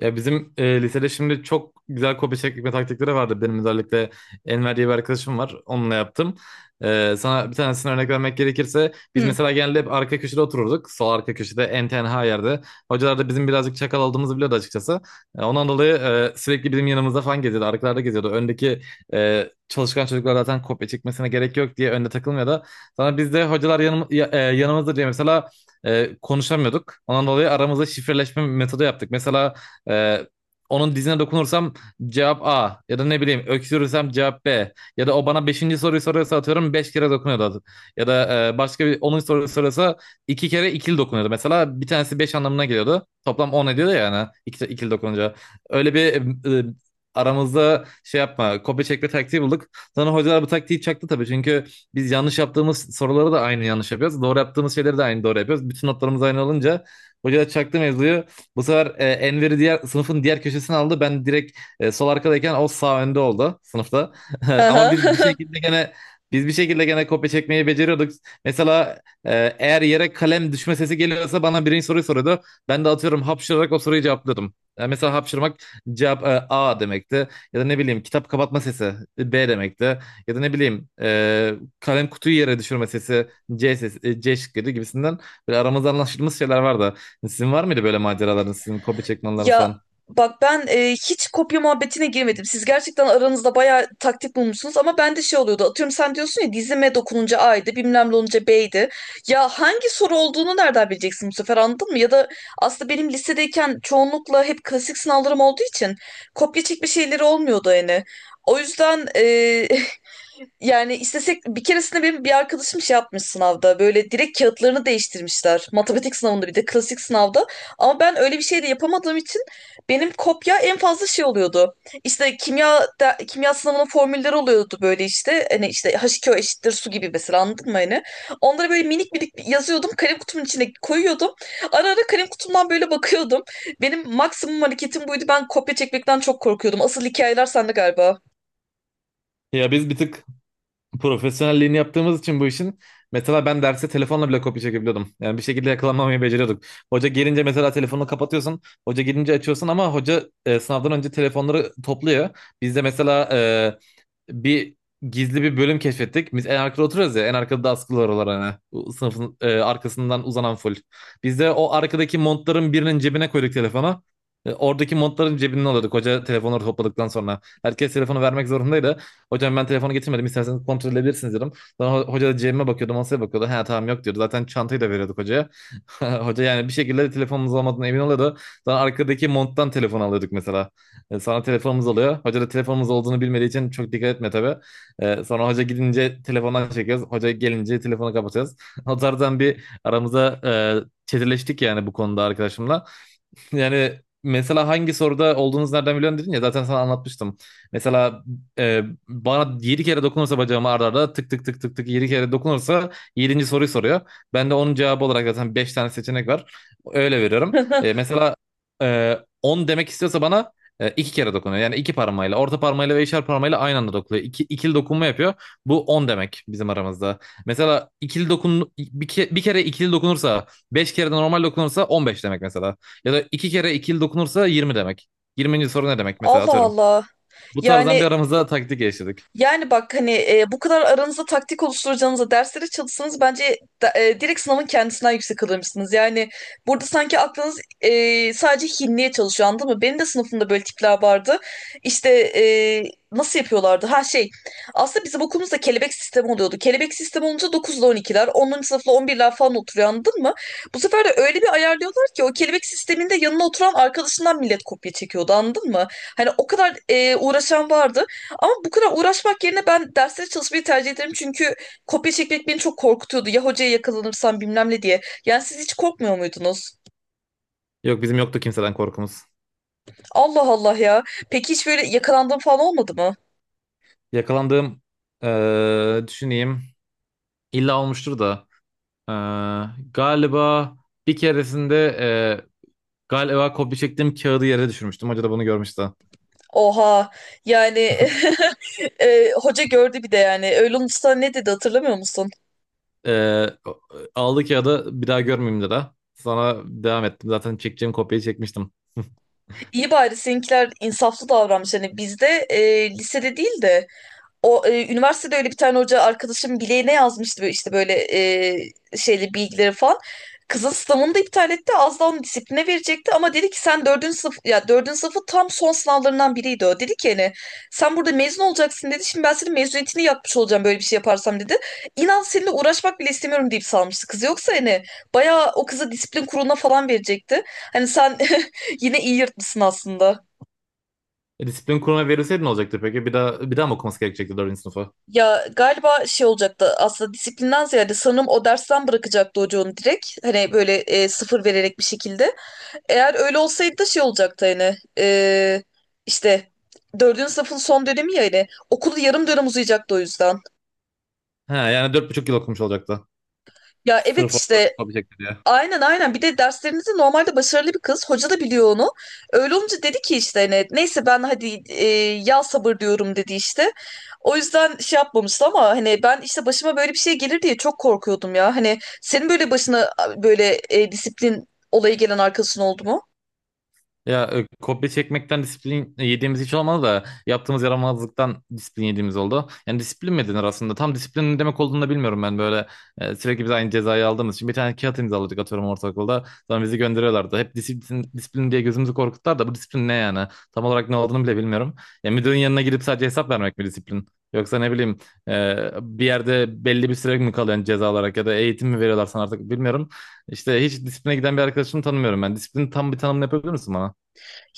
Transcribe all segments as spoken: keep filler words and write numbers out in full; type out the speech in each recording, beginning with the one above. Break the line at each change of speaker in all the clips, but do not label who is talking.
Ya bizim e, lisede şimdi çok güzel kopya çekme taktikleri vardı. Benim özellikle Enver diye bir arkadaşım var. Onunla yaptım. E, sana bir tanesini örnek vermek gerekirse biz
Hı.
mesela genelde hep arka köşede otururduk. Sol arka köşede en tenha yerde. Hocalar da bizim birazcık çakal olduğumuzu biliyordu açıkçası. E, ondan dolayı e, sürekli bizim yanımızda falan geziyordu. Arkalarda geziyordu. Öndeki e, çalışkan çocuklar zaten kopya çekmesine gerek yok diye önde takılmıyordu. Sonra biz de hocalar yanım, ya- e, yanımızda diye mesela e, konuşamıyorduk. Ondan dolayı aramızda şifreleşme metodu yaptık. Mesela ee, onun dizine dokunursam cevap A, ya da ne bileyim öksürürsem cevap B, ya da o bana beşinci soruyu soruyorsa atıyorum beş kere dokunuyordu adı- ya da e, başka bir onuncu soruyu soruyorsa iki kere ikili dokunuyordu. Mesela bir tanesi beş anlamına geliyordu, toplam on ediyordu ya, yani iki, ikili dokununca öyle bir e, aramızda şey yapma, kopya çekme taktiği bulduk. Sonra hocalar bu taktiği çaktı tabii, çünkü biz yanlış yaptığımız soruları da aynı yanlış yapıyoruz, doğru yaptığımız şeyleri de aynı doğru yapıyoruz. Bütün notlarımız aynı olunca hocalar çaktı mevzuyu. Bu sefer e, Enver'i diğer sınıfın diğer köşesine aldı. Ben direkt e, sol arkadayken o sağ önde oldu sınıfta.
Aha.
Ama biz bir şekilde gene biz bir şekilde gene kopya çekmeyi beceriyorduk. Mesela e, eğer yere kalem düşme sesi geliyorsa bana birinci soruyu soruyordu. Ben de atıyorum hapşırarak o soruyu cevaplıyordum. E, mesela hapşırmak cevap e, A demekti. Ya da ne bileyim kitap kapatma sesi e, B demekti. Ya da ne bileyim e, kalem kutuyu yere düşürme sesi C sesi, e, C şıkkıydı gibisinden. Böyle aramızda anlaşılmış şeyler vardı. Sizin var mıydı böyle maceralarınız, sizin kopya çekmeleriniz
Ya
falan?
bak ben e, hiç kopya muhabbetine girmedim. Siz gerçekten aranızda bayağı taktik bulmuşsunuz ama bende şey oluyordu. Atıyorum sen diyorsun ya dizime dokununca A'ydı, bilmem ne olunca B'ydi. Ya hangi soru olduğunu nereden bileceksin bu sefer anladın mı? Ya da aslında benim lisedeyken çoğunlukla hep klasik sınavlarım olduğu için kopya çekme şeyleri olmuyordu yani. O yüzden e, yani istesek bir keresinde benim bir arkadaşım şey yapmış sınavda böyle direkt kağıtlarını değiştirmişler. Matematik sınavında bir de klasik sınavda. Ama ben öyle bir şey de yapamadığım için benim kopya en fazla şey oluyordu. İşte kimya de- kimya sınavının formülleri oluyordu böyle işte. Hani işte H iki O eşittir su gibi mesela anladın mı hani? Onları böyle minik minik yazıyordum. Kalem kutumun içine koyuyordum. Ara ara kalem kutumdan böyle bakıyordum. Benim maksimum hareketim buydu. Ben kopya çekmekten çok korkuyordum. Asıl hikayeler sende galiba.
Ya biz bir tık profesyonelliğini yaptığımız için bu işin, mesela ben derse telefonla bile kopya çekebiliyordum. Yani bir şekilde yakalanmamayı beceriyorduk. Hoca gelince mesela telefonu kapatıyorsun. Hoca gelince açıyorsun, ama hoca e, sınavdan önce telefonları topluyor. Bizde mesela e, bir gizli bir bölüm keşfettik. Biz en arkada oturuyoruz ya. En arkada da askılar olan, hani. Bu sınıfın e, arkasından uzanan full. Biz de o arkadaki montların birinin cebine koyduk telefonu. E, oradaki montların cebinden alıyorduk, hoca telefonları topladıktan sonra. Herkes telefonu vermek zorundaydı. Hocam, ben telefonu getirmedim. İsterseniz kontrol edebilirsiniz, dedim. Sonra ho- hoca da cebime bakıyordu. Masaya bakıyordu. Ha tamam, yok diyordu. Zaten çantayı da veriyorduk hocaya. Hoca yani bir şekilde telefonumuz olmadığına emin oluyordu. Sonra arkadaki monttan telefon alıyorduk mesela. E, Sonra telefonumuz oluyor. Hoca da telefonumuz olduğunu bilmediği için çok dikkat etme tabii. E, sonra hoca gidince telefondan çekiyoruz. Hoca gelince telefonu kapatacağız. O tarzdan bir aramıza e, çetirleştik yani bu konuda arkadaşımla. Yani mesela hangi soruda olduğunuzu nereden biliyorsun dedin ya, zaten sana anlatmıştım. Mesela e, bana yedi kere dokunursa bacağıma, arda arda tık tık tık tık tık yedi kere dokunursa yedinci soruyu soruyor. Ben de onun cevabı olarak zaten beş tane seçenek var. Öyle veriyorum. E, mesela e, on demek istiyorsa bana e, iki kere dokunuyor. Yani iki parmağıyla, orta parmağıyla ve işaret parmağıyla aynı anda dokunuyor. İki, ikili dokunma yapıyor. Bu on demek bizim aramızda. Mesela ikili dokun bir, ke- bir kere ikili dokunursa, beş kere de normal dokunursa on beş demek mesela. Ya da iki kere ikili dokunursa yirmi demek. yirminci soru ne demek, mesela,
Allah
atıyorum.
Allah.
Bu tarzdan bir
Yani
aramızda taktik geliştirdik.
yani bak hani e, bu kadar aranızda taktik oluşturacağınıza derslere çalışsanız bence da- e, direkt sınavın kendisinden yüksek alırmışsınız. Yani burada sanki aklınız e, sadece hinliğe çalışıyor anladın mı? Benim de sınıfımda böyle tipler vardı. İşte e, nasıl yapıyorlardı? Ha şey, aslında bizim okulumuzda kelebek sistemi oluyordu. Kelebek sistemi olunca dokuz ile on ikiler onuncu sınıfla on birler falan oturuyor anladın mı? Bu sefer de öyle bir ayarlıyorlar ki o kelebek sisteminde yanına oturan arkadaşından millet kopya çekiyordu anladın mı? Hani o kadar e, uğraşan vardı. Ama bu kadar uğraşmak yerine ben derslere çalışmayı tercih ederim. Çünkü kopya çekmek beni çok korkutuyordu. Ya hocaya yakalanırsam bilmem ne diye. Yani siz hiç korkmuyor muydunuz?
Yok, bizim yoktu kimseden korkumuz.
Allah Allah ya. Peki hiç böyle yakalandığım falan olmadı mı?
Yakalandığım, eee, düşüneyim. İlla olmuştur da. eee, Galiba bir keresinde eee, galiba kopya çektiğim kağıdı yere düşürmüştüm. Hoca da bunu görmüştü.
Oha. Yani e, hoca gördü bir de yani. Öyle olursa ne dedi hatırlamıyor musun?
Eee Aldı kağıdı, bir daha görmeyeyim dedi. Sonra devam ettim. Zaten çekeceğim kopyayı çekmiştim.
İyi bari seninkiler insaflı davranmış. Hani bizde e, lisede değil de o, e, üniversitede öyle bir tane hoca arkadaşım bileğine yazmıştı böyle işte böyle e, şeyli bilgileri falan. Kızın sınavını da iptal etti. Az daha onu disipline verecekti ama dedi ki sen dördüncü sınıf ya, dördüncü sınıfı tam son sınavlarından biriydi o. Dedi ki hani sen burada mezun olacaksın dedi. Şimdi ben senin mezuniyetini yapmış olacağım böyle bir şey yaparsam dedi. İnan seninle uğraşmak bile istemiyorum deyip salmıştı kız. Yoksa hani bayağı o kızı disiplin kuruluna falan verecekti. Hani sen yine iyi yırtmışsın aslında.
E, disiplin kuruluna verilseydi ne olacaktı peki? Bir daha bir daha mı okuması gerekecekti dördüncü sınıfa?
Ya galiba şey olacaktı aslında, disiplinden ziyade sanırım o dersten bırakacaktı hocanın direkt. Hani böyle e, sıfır vererek bir şekilde. Eğer öyle olsaydı da şey olacaktı hani, e, işte dördüncü sınıfın son dönemi ya, hani okulu yarım dönem uzayacaktı o yüzden.
Ha yani dört buçuk yıl okumuş olacaktı.
Ya evet
Sırf orada
işte.
yapabilecekler ya.
Aynen aynen. Bir de derslerinizi normalde başarılı bir kız. Hoca da biliyor onu. Öyle olunca dedi ki işte hani neyse, ben hadi e, yal sabır diyorum dedi işte. O yüzden şey yapmamıştı ama hani ben işte başıma böyle bir şey gelir diye çok korkuyordum ya. Hani senin böyle başına böyle e, disiplin olayı gelen arkadaşın oldu mu?
Ya e, kopya çekmekten disiplin yediğimiz hiç olmadı da, yaptığımız yaramazlıktan disiplin yediğimiz oldu. Yani disiplin mi denir aslında? Tam disiplin ne demek olduğunu da bilmiyorum ben. Böyle e, sürekli biz aynı cezayı aldığımız için bir tane kağıt imzaladık, atıyorum, ortaokulda. Sonra bizi gönderiyorlardı. Hep disiplin, disiplin diye gözümüzü korkuttular da, bu disiplin ne yani? Tam olarak ne olduğunu bile bilmiyorum. Ya müdürün yanına gidip sadece hesap vermek mi disiplin? Yoksa ne bileyim e, bir yerde belli bir süre mi kalıyorsun ceza olarak, ya da eğitim mi veriyorlar sana, artık bilmiyorum. İşte hiç disipline giden bir arkadaşımı tanımıyorum ben. Disiplin, tam bir tanımını yapabilir misin bana?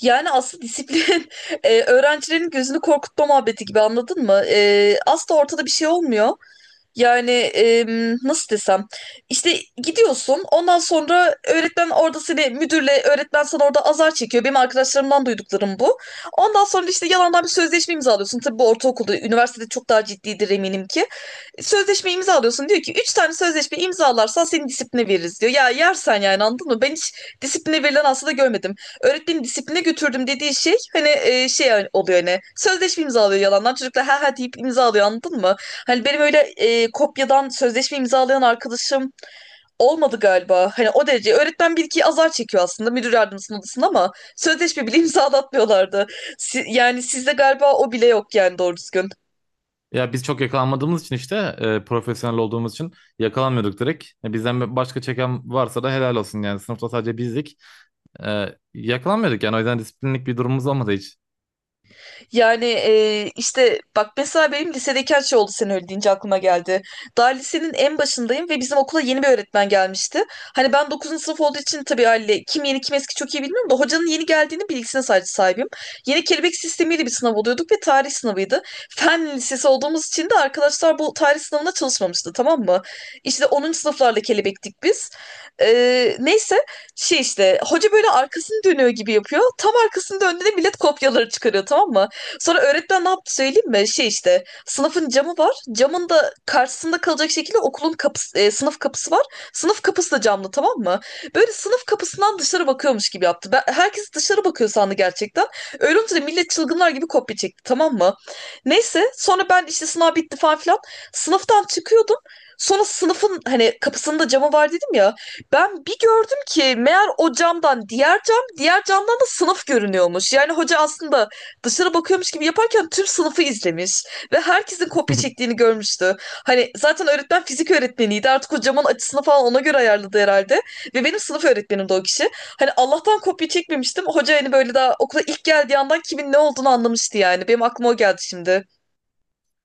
Yani aslında disiplin e, öğrencilerin gözünü korkutma muhabbeti gibi anladın mı? E, asla ortada bir şey olmuyor. Yani em, nasıl desem, işte gidiyorsun ondan sonra öğretmen orada seni müdürle, öğretmen sana orada azar çekiyor. Benim arkadaşlarımdan duyduklarım bu. Ondan sonra işte yalandan bir sözleşme imzalıyorsun. Tabii bu ortaokulda, üniversitede çok daha ciddidir eminim ki. Sözleşme imzalıyorsun, diyor ki üç tane sözleşme imzalarsan seni disipline veririz diyor. Ya yersen, yani anladın mı? Ben hiç disipline verilen aslında görmedim, öğretmenin disipline götürdüm dediği şey hani e, şey oluyor, hani sözleşme imzalıyor yalandan çocuklar, ha ha deyip imzalıyor anladın mı? Hani benim öyle e, kopyadan sözleşme imzalayan arkadaşım olmadı galiba. Hani o derece, öğretmen bir iki azar çekiyor aslında müdür yardımcısının odasında, ama sözleşme bile imzalatmıyorlardı. Si- yani sizde galiba o bile yok yani doğru düzgün.
Ya biz çok yakalanmadığımız için, işte e, profesyonel olduğumuz için yakalanmıyorduk direkt. E, bizden başka çeken varsa da helal olsun, yani sınıfta sadece bizdik. E, yakalanmıyorduk yani, o yüzden disiplinlik bir durumumuz olmadı hiç.
Yani e, işte bak mesela benim lisedeki her şey oldu sen öyle deyince aklıma geldi. Daha lisenin en başındayım ve bizim okula yeni bir öğretmen gelmişti. Hani ben dokuzuncu sınıf olduğu için tabii haliyle kim yeni kim eski çok iyi bilmiyorum da, hocanın yeni geldiğini bilgisine sadece sahibim. Yeni kelebek sistemiyle bir sınav oluyorduk ve tarih sınavıydı. Fen lisesi olduğumuz için de arkadaşlar bu tarih sınavına çalışmamıştı tamam mı? İşte onuncu sınıflarla kelebektik biz. E, neyse, şey işte hoca böyle arkasını dönüyor gibi yapıyor. Tam arkasını döndüğünde millet kopyaları çıkarıyor tamam mı? Sonra öğretmen ne yaptı söyleyeyim mi? Şey işte sınıfın camı var. Camın da karşısında kalacak şekilde okulun kapısı, e, sınıf kapısı var. Sınıf kapısı da camlı tamam mı? Böyle sınıf kapısından dışarı bakıyormuş gibi yaptı. Ben, herkes dışarı bakıyor sandı gerçekten. Öyle olunca da millet çılgınlar gibi kopya çekti tamam mı? Neyse sonra ben işte sınav bitti falan filan. Sınıftan çıkıyordum. Sonra sınıfın hani kapısında camı var dedim ya. Ben bir gördüm ki meğer o camdan diğer cam, diğer camdan da sınıf görünüyormuş. Yani hoca aslında dışarı bakıyormuş gibi yaparken tüm sınıfı izlemiş ve herkesin kopya çektiğini görmüştü. Hani zaten öğretmen fizik öğretmeniydi. Artık o camın açısını falan ona göre ayarladı herhalde. Ve benim sınıf öğretmenim de o kişi. Hani Allah'tan kopya çekmemiştim. Hoca hani böyle daha okula ilk geldiği andan kimin ne olduğunu anlamıştı yani. Benim aklıma o geldi şimdi.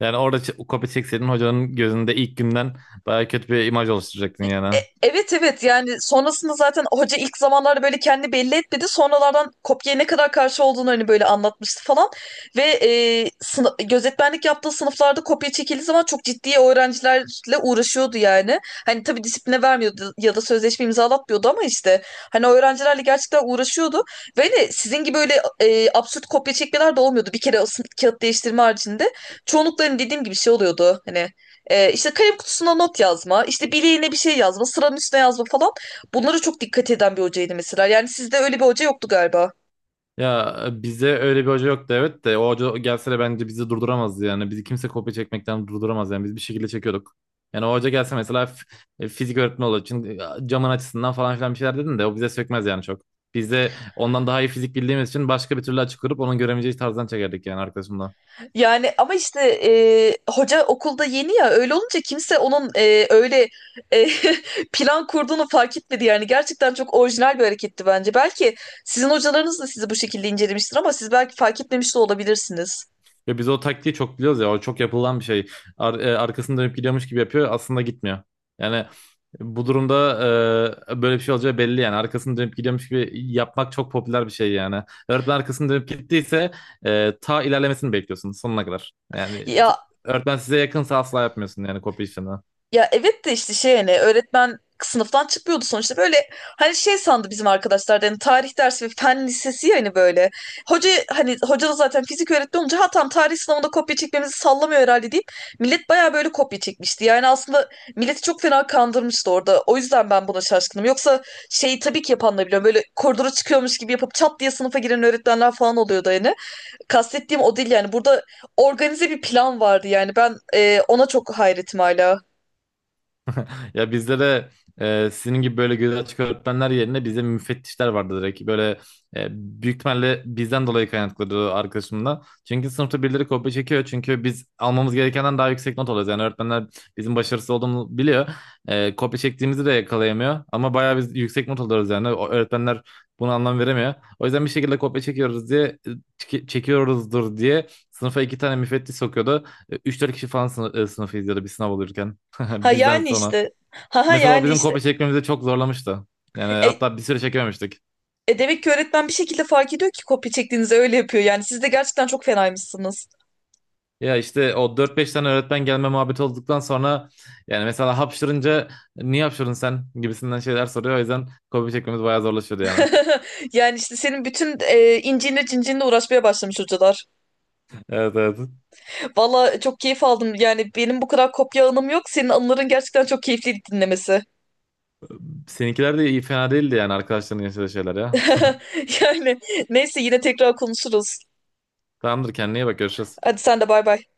Yani orada ç- kopya çekseydin, hocanın gözünde ilk günden bayağı kötü bir imaj oluşturacaktın yani.
E- Evet evet, yani sonrasında zaten hoca ilk zamanlarda böyle kendi belli etmedi. Sonralardan kopya ne kadar karşı olduğunu hani böyle anlatmıştı falan. Ve e, sınıf, gözetmenlik yaptığı sınıflarda kopya çekildiği zaman çok ciddi öğrencilerle uğraşıyordu yani. Hani tabii disipline vermiyordu ya da sözleşme imzalatmıyordu ama işte, hani o öğrencilerle gerçekten uğraşıyordu. Ve hani sizin gibi öyle e, absürt kopya çekmeler de olmuyordu. Bir kere o sınıf- kağıt değiştirme haricinde çoğunlukla hani dediğim gibi şey oluyordu. Hani ee, işte kalem kutusuna not yazma, işte bileğine bir şey yazma, sıranın üstüne yazma falan. Bunlara çok dikkat eden bir hocaydı mesela. Yani sizde öyle bir hoca yoktu galiba.
Ya e, bize öyle bir hoca yoktu evet, de o hoca gelse de bence bizi durduramazdı yani. Bizi kimse kopya çekmekten durduramaz, yani biz bir şekilde çekiyorduk. Yani o hoca gelse mesela, f- e, fizik öğretmeni olur için e, camın açısından falan filan bir şeyler dedin de o bize sökmez yani çok. Biz de ondan daha iyi fizik bildiğimiz için başka bir türlü açık kurup onun göremeyeceği tarzdan çekerdik yani, arkasından.
Yani ama işte e, hoca okulda yeni ya, öyle olunca kimse onun e, öyle e, plan kurduğunu fark etmedi. Yani gerçekten çok orijinal bir hareketti bence. Belki sizin hocalarınız da sizi bu şekilde incelemiştir ama siz belki fark etmemiş de olabilirsiniz.
Ve biz o taktiği çok biliyoruz ya, o çok yapılan bir şey. Ar- e, arkasını dönüp gidiyormuş gibi yapıyor, aslında gitmiyor. Yani bu durumda e, böyle bir şey olacağı belli yani. Arkasını dönüp gidiyormuş gibi yapmak çok popüler bir şey yani. Öğretmen arkasını dönüp gittiyse e, ta ilerlemesini bekliyorsun sonuna kadar. Yani
Ya
öğretmen size yakınsa asla yapmıyorsun yani kopya işini.
Ya evet de işte, şey hani öğretmen sınıftan çıkmıyordu sonuçta böyle, hani şey sandı bizim arkadaşlar da hani tarih dersi ve fen lisesi, yani böyle hoca hani hoca da zaten fizik öğretmen olunca ha tam tarih sınavında kopya çekmemizi sallamıyor herhalde deyip millet baya böyle kopya çekmişti yani. Aslında milleti çok fena kandırmıştı orada, o yüzden ben buna şaşkınım. Yoksa şeyi tabii ki yapan da biliyorum, böyle koridora çıkıyormuş gibi yapıp çat diye sınıfa giren öğretmenler falan oluyordu yani, kastettiğim o değil. Yani burada organize bir plan vardı yani, ben e, ona çok hayretim hala.
Ya bizde de e, sizin gibi böyle göz açık öğretmenler yerine bizde müfettişler vardı direkt. Böyle e, büyük ihtimalle bizden dolayı kaynaklıdır arkadaşımla. Çünkü sınıfta birileri kopya çekiyor. Çünkü biz almamız gerekenden daha yüksek not alıyoruz. Yani öğretmenler bizim başarısız olduğumuzu biliyor. E, kopya çektiğimizi de yakalayamıyor. Ama bayağı biz yüksek not alıyoruz yani. O öğretmenler buna anlam veremiyor. O yüzden bir şekilde kopya çekiyoruz diye, çeki- çekiyoruzdur diye sınıfa iki tane müfettiş sokuyordu. E, üç dört kişi falan sınıf, sınıfı izliyordu bir sınav olurken.
Ha
Bizden
yani
sonra.
işte. Ha ha
Mesela o
yani
bizim
işte.
kopya çekmemizi çok zorlamıştı. Yani
E,
hatta bir süre çekememiştik.
E demek ki öğretmen bir şekilde fark ediyor ki kopya çektiğinizi, öyle yapıyor yani. Siz de gerçekten çok fenaymışsınız.
Ya işte o dört beş tane öğretmen gelme muhabbeti olduktan sonra, yani mesela hapşırınca niye hapşırdın sen gibisinden şeyler soruyor. O yüzden kopya çekmemiz bayağı zorlaşıyordu yani.
Yani işte senin bütün e, incinle cincinle uğraşmaya başlamış hocalar.
Evet, evet.
Valla çok keyif aldım. Yani benim bu kadar kopya anım yok. Senin anıların gerçekten çok keyifli dinlemesi.
Seninkiler de iyi, fena değildi yani arkadaşların yaşadığı şeyler ya.
Yani neyse, yine tekrar konuşuruz.
Tamamdır, kendine iyi bak, görüşürüz.
Hadi sen de, bay bay.